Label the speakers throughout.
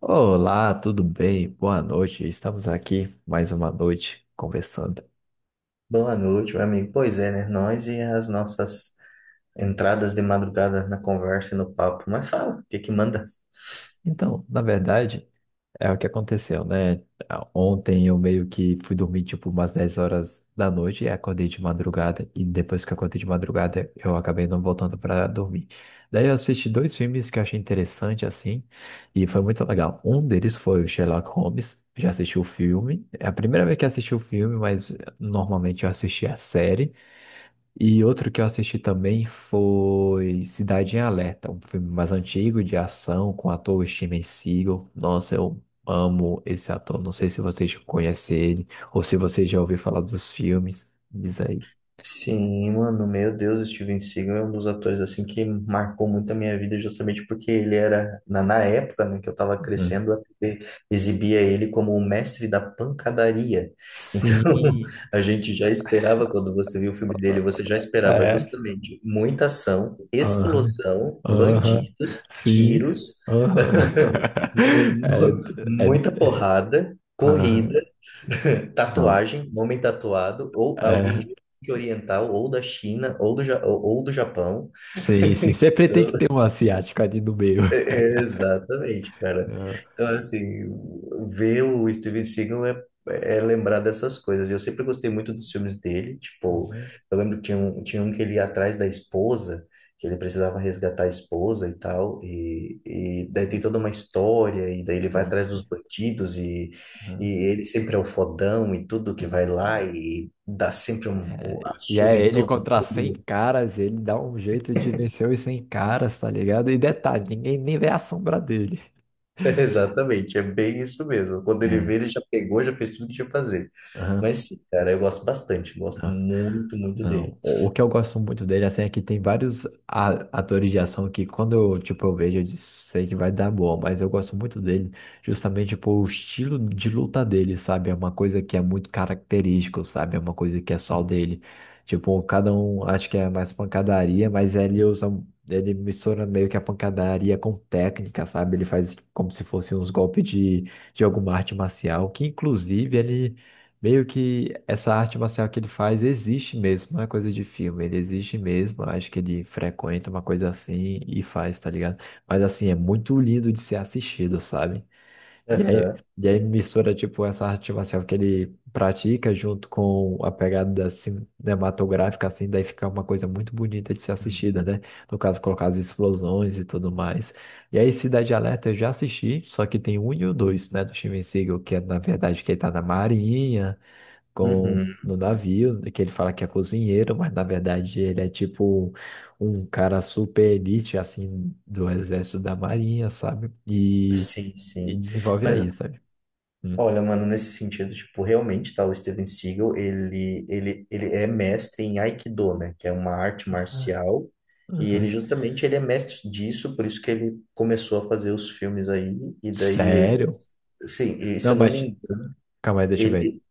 Speaker 1: Olá, tudo bem? Boa noite. Estamos aqui mais uma noite conversando.
Speaker 2: Boa noite, meu amigo. Pois é, né? Nós e as nossas entradas de madrugada na conversa e no papo. Mas fala, o que que manda?
Speaker 1: Então, na verdade, é o que aconteceu, né? Ontem eu meio que fui dormir tipo umas 10 horas da noite e acordei de madrugada. E depois que eu acordei de madrugada, eu acabei não voltando para dormir. Daí eu assisti dois filmes que eu achei interessante assim e foi muito legal. Um deles foi o Sherlock Holmes. Já assisti o filme. É a primeira vez que assisti o filme, mas normalmente eu assisti a série. E outro que eu assisti também foi Cidade em Alerta, um filme mais antigo de ação com o ator Steven Seagal. Nossa, eu amo esse ator. Não sei se você já conhece ele ou se você já ouviu falar dos filmes. Diz aí.
Speaker 2: Sim, mano, meu Deus, o Steven Seagal é um dos atores assim que marcou muito a minha vida justamente porque ele era, na época, né, que eu tava
Speaker 1: Hum.
Speaker 2: crescendo, a TV exibia ele como o mestre da pancadaria. Então,
Speaker 1: Sim.
Speaker 2: a gente já esperava, quando você viu o filme dele, você já esperava
Speaker 1: É,
Speaker 2: justamente muita ação,
Speaker 1: aham,
Speaker 2: explosão,
Speaker 1: aham,
Speaker 2: bandidos,
Speaker 1: sim,
Speaker 2: tiros,
Speaker 1: aham. É,
Speaker 2: Mu-
Speaker 1: é,
Speaker 2: Muita porrada, corrida,
Speaker 1: aham, sim, não,
Speaker 2: tatuagem, homem tatuado, ou alguém
Speaker 1: é,
Speaker 2: de oriental, ou da China, ou do, Ja- ou do Japão.
Speaker 1: sim, sim, sempre tem que ter um asiático ali no meio.
Speaker 2: É, exatamente, cara.
Speaker 1: Não.
Speaker 2: Então, assim, ver o Steven Seagal é lembrar dessas coisas. Eu sempre gostei muito dos filmes dele. Tipo,
Speaker 1: Uhum.
Speaker 2: eu lembro que tinha um que ele ia atrás da esposa, que ele precisava resgatar a esposa e tal. E daí tem toda uma história, e daí ele vai
Speaker 1: Sim,
Speaker 2: atrás dos
Speaker 1: sim.
Speaker 2: bandidos, e
Speaker 1: Aham.
Speaker 2: ele sempre é o fodão e tudo que vai
Speaker 1: Tem, sim.
Speaker 2: lá e dá sempre
Speaker 1: É,
Speaker 2: a
Speaker 1: e
Speaker 2: surra
Speaker 1: é
Speaker 2: em
Speaker 1: ele
Speaker 2: todo
Speaker 1: contra 100
Speaker 2: mundo.
Speaker 1: caras, ele dá um jeito de vencer os 100 caras, tá ligado? E detalhe, ninguém nem vê a sombra dele.
Speaker 2: Exatamente, é bem isso mesmo. Quando ele
Speaker 1: É,
Speaker 2: vê, ele já pegou, já fez tudo que tinha que fazer.
Speaker 1: aham,
Speaker 2: Mas sim, cara, eu gosto bastante, gosto
Speaker 1: aham.
Speaker 2: muito, muito dele.
Speaker 1: Não, o que eu gosto muito dele, assim, é que tem vários atores de ação que quando eu, tipo, eu vejo, eu sei que vai dar boa, mas eu gosto muito dele justamente por o estilo de luta dele, sabe? É uma coisa que é muito característico, sabe? É uma coisa que é só dele. Tipo, cada um acho que é mais pancadaria, mas ele mistura meio que a pancadaria com técnica, sabe? Ele faz como se fosse uns golpes de alguma arte marcial, que inclusive ele meio que essa arte marcial que ele faz existe mesmo, não é coisa de filme, ele existe mesmo. Acho que ele frequenta uma coisa assim e faz, tá ligado? Mas assim, é muito lindo de ser assistido, sabe? E aí,
Speaker 2: Aham.
Speaker 1: e aí mistura, tipo, essa arte marcial que ele pratica junto com a pegada cinematográfica, assim, daí fica uma coisa muito bonita de ser assistida, né? No caso, colocar as explosões e tudo mais. E aí, Cidade Alerta eu já assisti, só que tem um e o dois, né? Do Steven Seagal, que é, na verdade, que ele tá na Marinha com
Speaker 2: Uhum.
Speaker 1: no navio, que ele fala que é cozinheiro, mas na verdade ele é tipo um cara super elite, assim, do exército da marinha, sabe? E,
Speaker 2: Sim,
Speaker 1: e
Speaker 2: sim.
Speaker 1: desenvolve
Speaker 2: Mas
Speaker 1: aí, sabe? Hum.
Speaker 2: olha, mano, nesse sentido, tipo, realmente, tá, o Steven Seagal, ele é mestre em Aikido, né, que é uma arte
Speaker 1: Aham,
Speaker 2: marcial, e ele
Speaker 1: aham.
Speaker 2: justamente ele é mestre disso, por isso que ele começou a fazer os filmes aí, e daí,
Speaker 1: Sério?
Speaker 2: sim, e se
Speaker 1: Não,
Speaker 2: eu não me
Speaker 1: mas
Speaker 2: engano,
Speaker 1: calma aí, deixa eu ver.
Speaker 2: ele,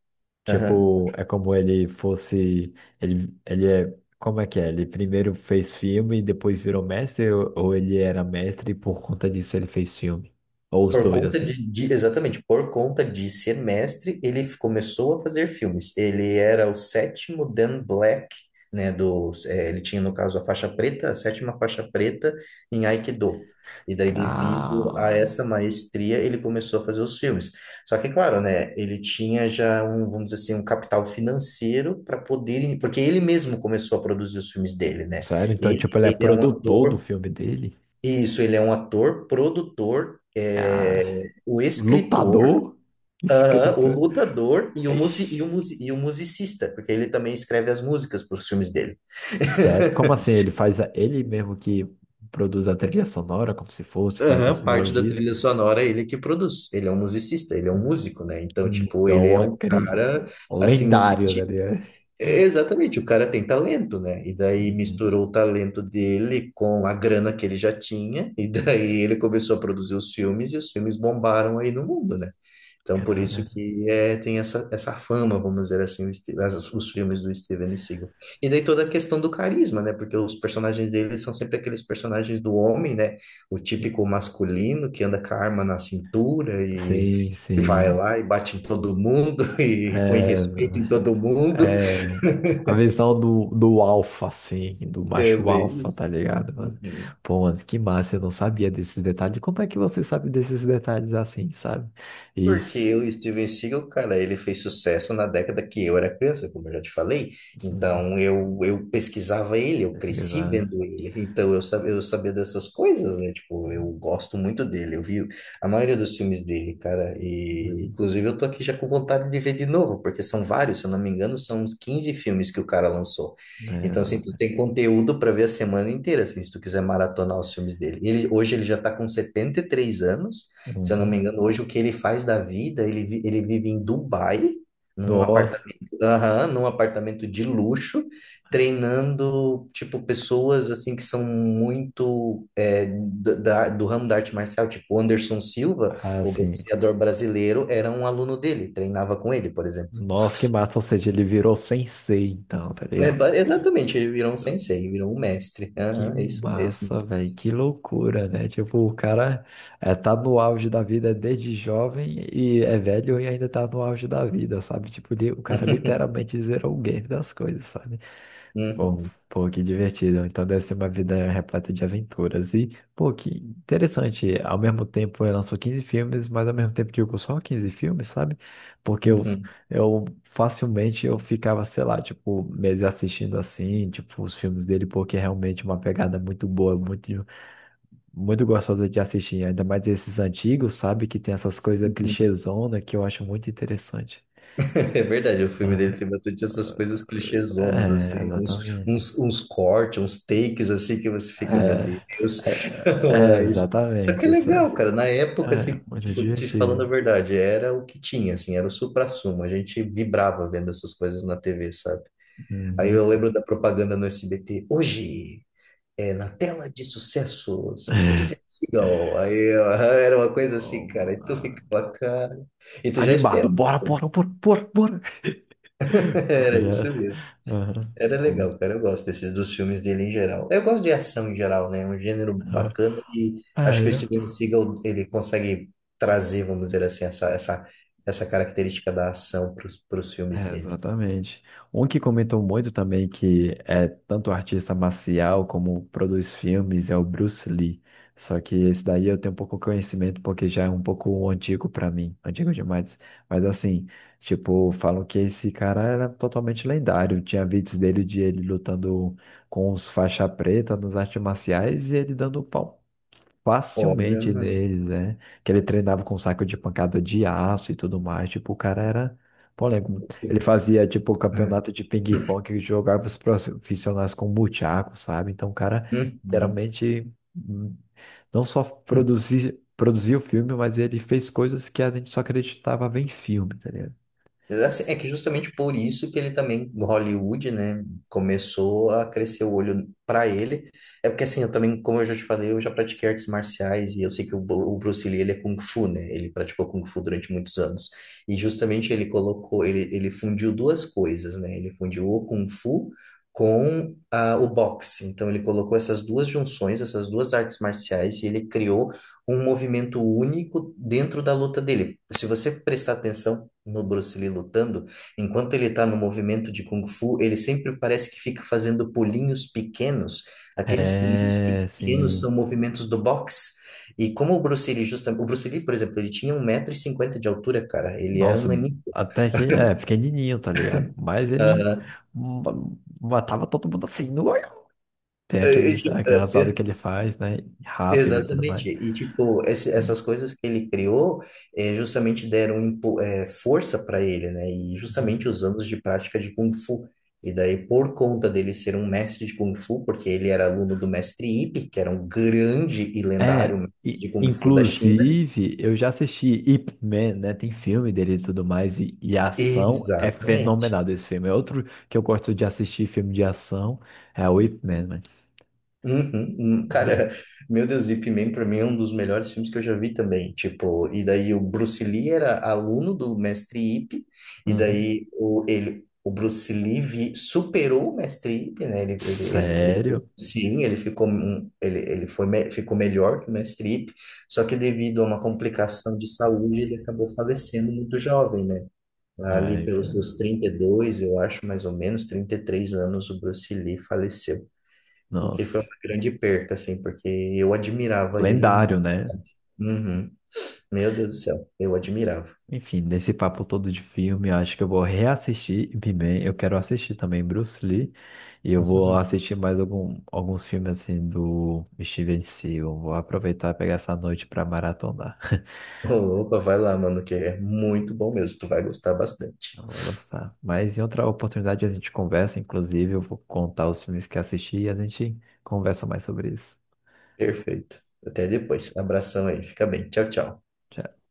Speaker 2: aham.
Speaker 1: Tipo, é como ele fosse. Ele é. Como é que é? Ele primeiro fez filme e depois virou mestre? Ou ele era mestre e por conta disso ele fez filme? Ou os
Speaker 2: Por
Speaker 1: dois,
Speaker 2: conta
Speaker 1: assim?
Speaker 2: exatamente, por conta de ser mestre, ele começou a fazer filmes. Ele era o sétimo Dan Black, né, ele tinha, no caso, a faixa preta, a sétima faixa preta em Aikido. E daí, devido a
Speaker 1: Calma.
Speaker 2: essa maestria, ele começou a fazer os filmes. Só que, claro, né, ele tinha já um, vamos dizer assim, um capital financeiro para poder, porque ele mesmo começou a produzir os filmes dele, né?
Speaker 1: Sério? Então, tipo,
Speaker 2: Ele,
Speaker 1: ele é
Speaker 2: ele é um
Speaker 1: produtor do
Speaker 2: ator,
Speaker 1: filme dele?
Speaker 2: isso, ele é um ator, produtor,
Speaker 1: Ah,
Speaker 2: é, o escritor,
Speaker 1: lutador,
Speaker 2: aham, o
Speaker 1: escritor.
Speaker 2: lutador e o, musi, e, o
Speaker 1: Ixi,
Speaker 2: musi, e o musicista, porque ele também escreve as músicas para os filmes dele.
Speaker 1: sério? Como assim? Ele mesmo que produz a trilha sonora, como se fosse, faz as
Speaker 2: Aham, parte da
Speaker 1: melodias.
Speaker 2: trilha sonora é ele que produz. Ele é um musicista, ele é um músico, né? Então, tipo, ele
Speaker 1: Então,
Speaker 2: é um cara,
Speaker 1: acredito.
Speaker 2: assim, no
Speaker 1: Lendário, né?
Speaker 2: sentido. É, exatamente, o cara tem talento, né? E daí
Speaker 1: Sim, sim.
Speaker 2: misturou o talento dele com a grana que ele já tinha, e daí ele começou a produzir os filmes, e os filmes bombaram aí no mundo, né? Então, por
Speaker 1: Cara,
Speaker 2: isso que é, tem essa fama, vamos dizer assim, os filmes do Steven Seagal. E daí toda a questão do carisma, né? Porque os personagens dele são sempre aqueles personagens do homem, né? O típico masculino que anda com a arma na cintura e,
Speaker 1: sim,
Speaker 2: e vai
Speaker 1: sim.
Speaker 2: lá e bate em todo mundo e põe
Speaker 1: É,
Speaker 2: respeito em todo mundo.
Speaker 1: é, a visão do alfa, assim, do
Speaker 2: É
Speaker 1: macho
Speaker 2: bem
Speaker 1: alfa,
Speaker 2: isso.
Speaker 1: tá ligado, mano?
Speaker 2: Uhum.
Speaker 1: Pô, mano, que massa, eu não sabia desses detalhes. Como é que você sabe desses detalhes assim, sabe? E... s-
Speaker 2: Porque o Steven Seagal, cara, ele fez sucesso na década que eu era criança, como eu já te falei.
Speaker 1: Uhum.
Speaker 2: Então, eu pesquisava ele, eu
Speaker 1: Esse que
Speaker 2: cresci
Speaker 1: tá-
Speaker 2: vendo ele. Então, eu sabia dessas coisas, né? Tipo, eu gosto muito dele. Eu vi a maioria dos filmes dele, cara. E,
Speaker 1: Uhum.
Speaker 2: inclusive, eu tô aqui já com vontade de ver de novo, porque são vários, se eu não me engano, são uns 15 filmes que o cara lançou. Então, assim, tu
Speaker 1: É,
Speaker 2: tem conteúdo para ver a semana inteira, assim, se tu quiser maratonar os filmes dele. Ele, hoje ele já tá com 73 anos. Se eu não
Speaker 1: uhum.
Speaker 2: me engano, hoje o que ele faz da vida, ele, ele vive em Dubai, num
Speaker 1: Nossa,
Speaker 2: apartamento, aham, num apartamento de luxo, treinando, tipo, pessoas, assim, que são muito do ramo da arte marcial, tipo, o Anderson Silva, o
Speaker 1: assim,
Speaker 2: boxeador brasileiro, era um aluno dele, treinava com ele, por exemplo.
Speaker 1: nossa, que massa, ou seja, ele virou sensei, então, tá
Speaker 2: É,
Speaker 1: ligado?
Speaker 2: exatamente, ele virou um sensei, virou um mestre.
Speaker 1: Que
Speaker 2: Aham, é isso mesmo.
Speaker 1: massa, velho, que loucura, né? Tipo, o cara é, tá no auge da vida desde jovem e é velho e ainda tá no auge da vida, sabe? Tipo, o cara literalmente zerou o game das coisas, sabe? Bom,
Speaker 2: Uhum,
Speaker 1: pô, que divertido. Então deve ser uma vida repleta de aventuras. E, pô, que interessante. Ao mesmo tempo, ele lançou 15 filmes, mas ao mesmo tempo, digo, só 15 filmes, sabe? Porque eu,
Speaker 2: uhum,
Speaker 1: eu facilmente eu ficava, sei lá, tipo, meses assistindo assim, tipo, os filmes dele, porque é realmente uma pegada muito boa, muito, muito gostosa de assistir. Ainda mais esses antigos, sabe? Que tem essas coisas
Speaker 2: uhum.
Speaker 1: clichêzona que eu acho muito interessante.
Speaker 2: É verdade, o filme dele
Speaker 1: Aham.
Speaker 2: tem bastante essas coisas clichêzonas,
Speaker 1: É,
Speaker 2: assim, uns,
Speaker 1: exatamente.
Speaker 2: uns, uns cortes, uns takes, assim, que você fica, meu Deus.
Speaker 1: É, é, é,
Speaker 2: Mas, só que
Speaker 1: exatamente,
Speaker 2: é
Speaker 1: isso é,
Speaker 2: legal, cara. Na época,
Speaker 1: é
Speaker 2: assim,
Speaker 1: muito
Speaker 2: tipo, te falando a
Speaker 1: divertido.
Speaker 2: verdade, era o que tinha, assim, era o suprassumo. A gente vibrava vendo essas coisas na TV, sabe? Aí eu
Speaker 1: Uhum.
Speaker 2: lembro da propaganda no SBT, hoje, na tela de sucesso, Steven Seagal. Aí ó, era uma coisa assim, cara,
Speaker 1: Oh,
Speaker 2: e tu
Speaker 1: ah,
Speaker 2: ficava, cara, e tu já
Speaker 1: animado,
Speaker 2: esperava,
Speaker 1: bora, bora, bora, bora, bora.
Speaker 2: era
Speaker 1: Beleza.
Speaker 2: isso mesmo.
Speaker 1: Uhum.
Speaker 2: Era
Speaker 1: Bom,
Speaker 2: legal, cara. Eu gosto desses dos filmes dele em geral. Eu gosto de ação em geral, né? É um gênero bacana e
Speaker 1: ah,
Speaker 2: acho que o
Speaker 1: é.
Speaker 2: Steven Seagal ele consegue trazer, vamos dizer assim, essa característica da ação para os filmes
Speaker 1: É,
Speaker 2: dele.
Speaker 1: exatamente. Um que comentou muito também que é tanto artista marcial como produz filmes é o Bruce Lee. Só que esse daí eu tenho pouco conhecimento porque já é um pouco antigo para mim, antigo demais. Mas assim, tipo, falam que esse cara era totalmente lendário. Tinha vídeos dele de ele lutando com os faixa preta nas artes marciais e ele dando
Speaker 2: Olha,
Speaker 1: facilmente
Speaker 2: mano.
Speaker 1: deles, né? Que ele treinava com saco de pancada de aço e tudo mais. Tipo, o cara era polêmico. Ele fazia, tipo, campeonato de ping-pong que jogava os profissionais com buchaco, sabe? Então, o cara
Speaker 2: Uhum.
Speaker 1: literalmente não só produzia o filme, mas ele fez coisas que a gente só acreditava ver em filme, tá ligado?
Speaker 2: Mas, assim, é que justamente por isso que ele também, no Hollywood, né, começou a crescer o olho para ele. É porque, assim, eu também, como eu já te falei, eu já pratiquei artes marciais e eu sei que o o Bruce Lee, ele é Kung Fu, né? Ele praticou Kung Fu durante muitos anos. E justamente ele colocou, ele fundiu duas coisas, né? Ele fundiu o Kung Fu com o boxe. Então, ele colocou essas duas junções, essas duas artes marciais e ele criou um movimento único dentro da luta dele. Se você prestar atenção, no Bruce Lee lutando, enquanto ele tá no movimento de Kung Fu, ele sempre parece que fica fazendo pulinhos pequenos. Aqueles pulinhos
Speaker 1: É,
Speaker 2: pequenos são
Speaker 1: sim.
Speaker 2: movimentos do boxe. E como o Bruce Lee, justamente, o Bruce Lee, por exemplo, ele tinha 1,50 m de altura, cara. Ele era um
Speaker 1: Nossa,
Speaker 2: naninho.
Speaker 1: até que é pequenininho, tá ligado? Mas ele
Speaker 2: Aham.
Speaker 1: ma- matava todo mundo assim. Tem aquelas rodas que ele faz, né? Rápido e tudo mais.
Speaker 2: Exatamente. E, tipo,
Speaker 1: Hum,
Speaker 2: essas coisas que ele criou justamente deram força para ele, né? E
Speaker 1: hum.
Speaker 2: justamente os anos de prática de Kung Fu. E daí, por conta dele ser um mestre de Kung Fu, porque ele era aluno do mestre Ip, que era um grande e lendário
Speaker 1: É,
Speaker 2: mestre
Speaker 1: e,
Speaker 2: de Kung Fu da China.
Speaker 1: inclusive, eu já assisti Ip Man, né? Tem filme dele e tudo mais, e a ação é
Speaker 2: Exatamente.
Speaker 1: fenomenal desse filme. É outro que eu gosto de assistir filme de ação é o Ip Man, mano.
Speaker 2: Uhum, uhum.
Speaker 1: Uhum.
Speaker 2: Cara, meu Deus, Ip Man pra mim é um dos melhores filmes que eu já vi também. Tipo, e daí o Bruce Lee era aluno do mestre Ip, e
Speaker 1: Uhum.
Speaker 2: daí o Bruce Lee superou o mestre Ip, né? Ele, ele, ele- ele-
Speaker 1: Sério?
Speaker 2: sim, ele ficou, um- ele foi, me- ficou melhor que o mestre Ip, só que devido a uma complicação de saúde, ele acabou falecendo muito jovem, né? Ali
Speaker 1: Ai,
Speaker 2: pelos seus 32 eu acho, mais ou menos, 33 anos, o Bruce Lee faleceu. O que foi
Speaker 1: nossa.
Speaker 2: uma grande perca, assim, porque eu admirava ele.
Speaker 1: Lendário, né?
Speaker 2: Uhum. Meu Deus do céu, eu admirava.
Speaker 1: Enfim, nesse papo todo de filme, eu acho que eu vou reassistir He-Man. Eu quero assistir também Bruce Lee. E eu vou assistir mais alguns filmes assim do Steven Seagal. Vou aproveitar e pegar essa noite para maratonar.
Speaker 2: Opa, vai lá, mano, que é muito bom mesmo. Tu vai gostar bastante.
Speaker 1: Eu vou gostar. Mas em outra oportunidade a gente conversa, inclusive, eu vou contar os filmes que assisti e a gente conversa mais sobre isso.
Speaker 2: Perfeito. Até depois. Abração aí. Fica bem. Tchau, tchau.
Speaker 1: Tchau.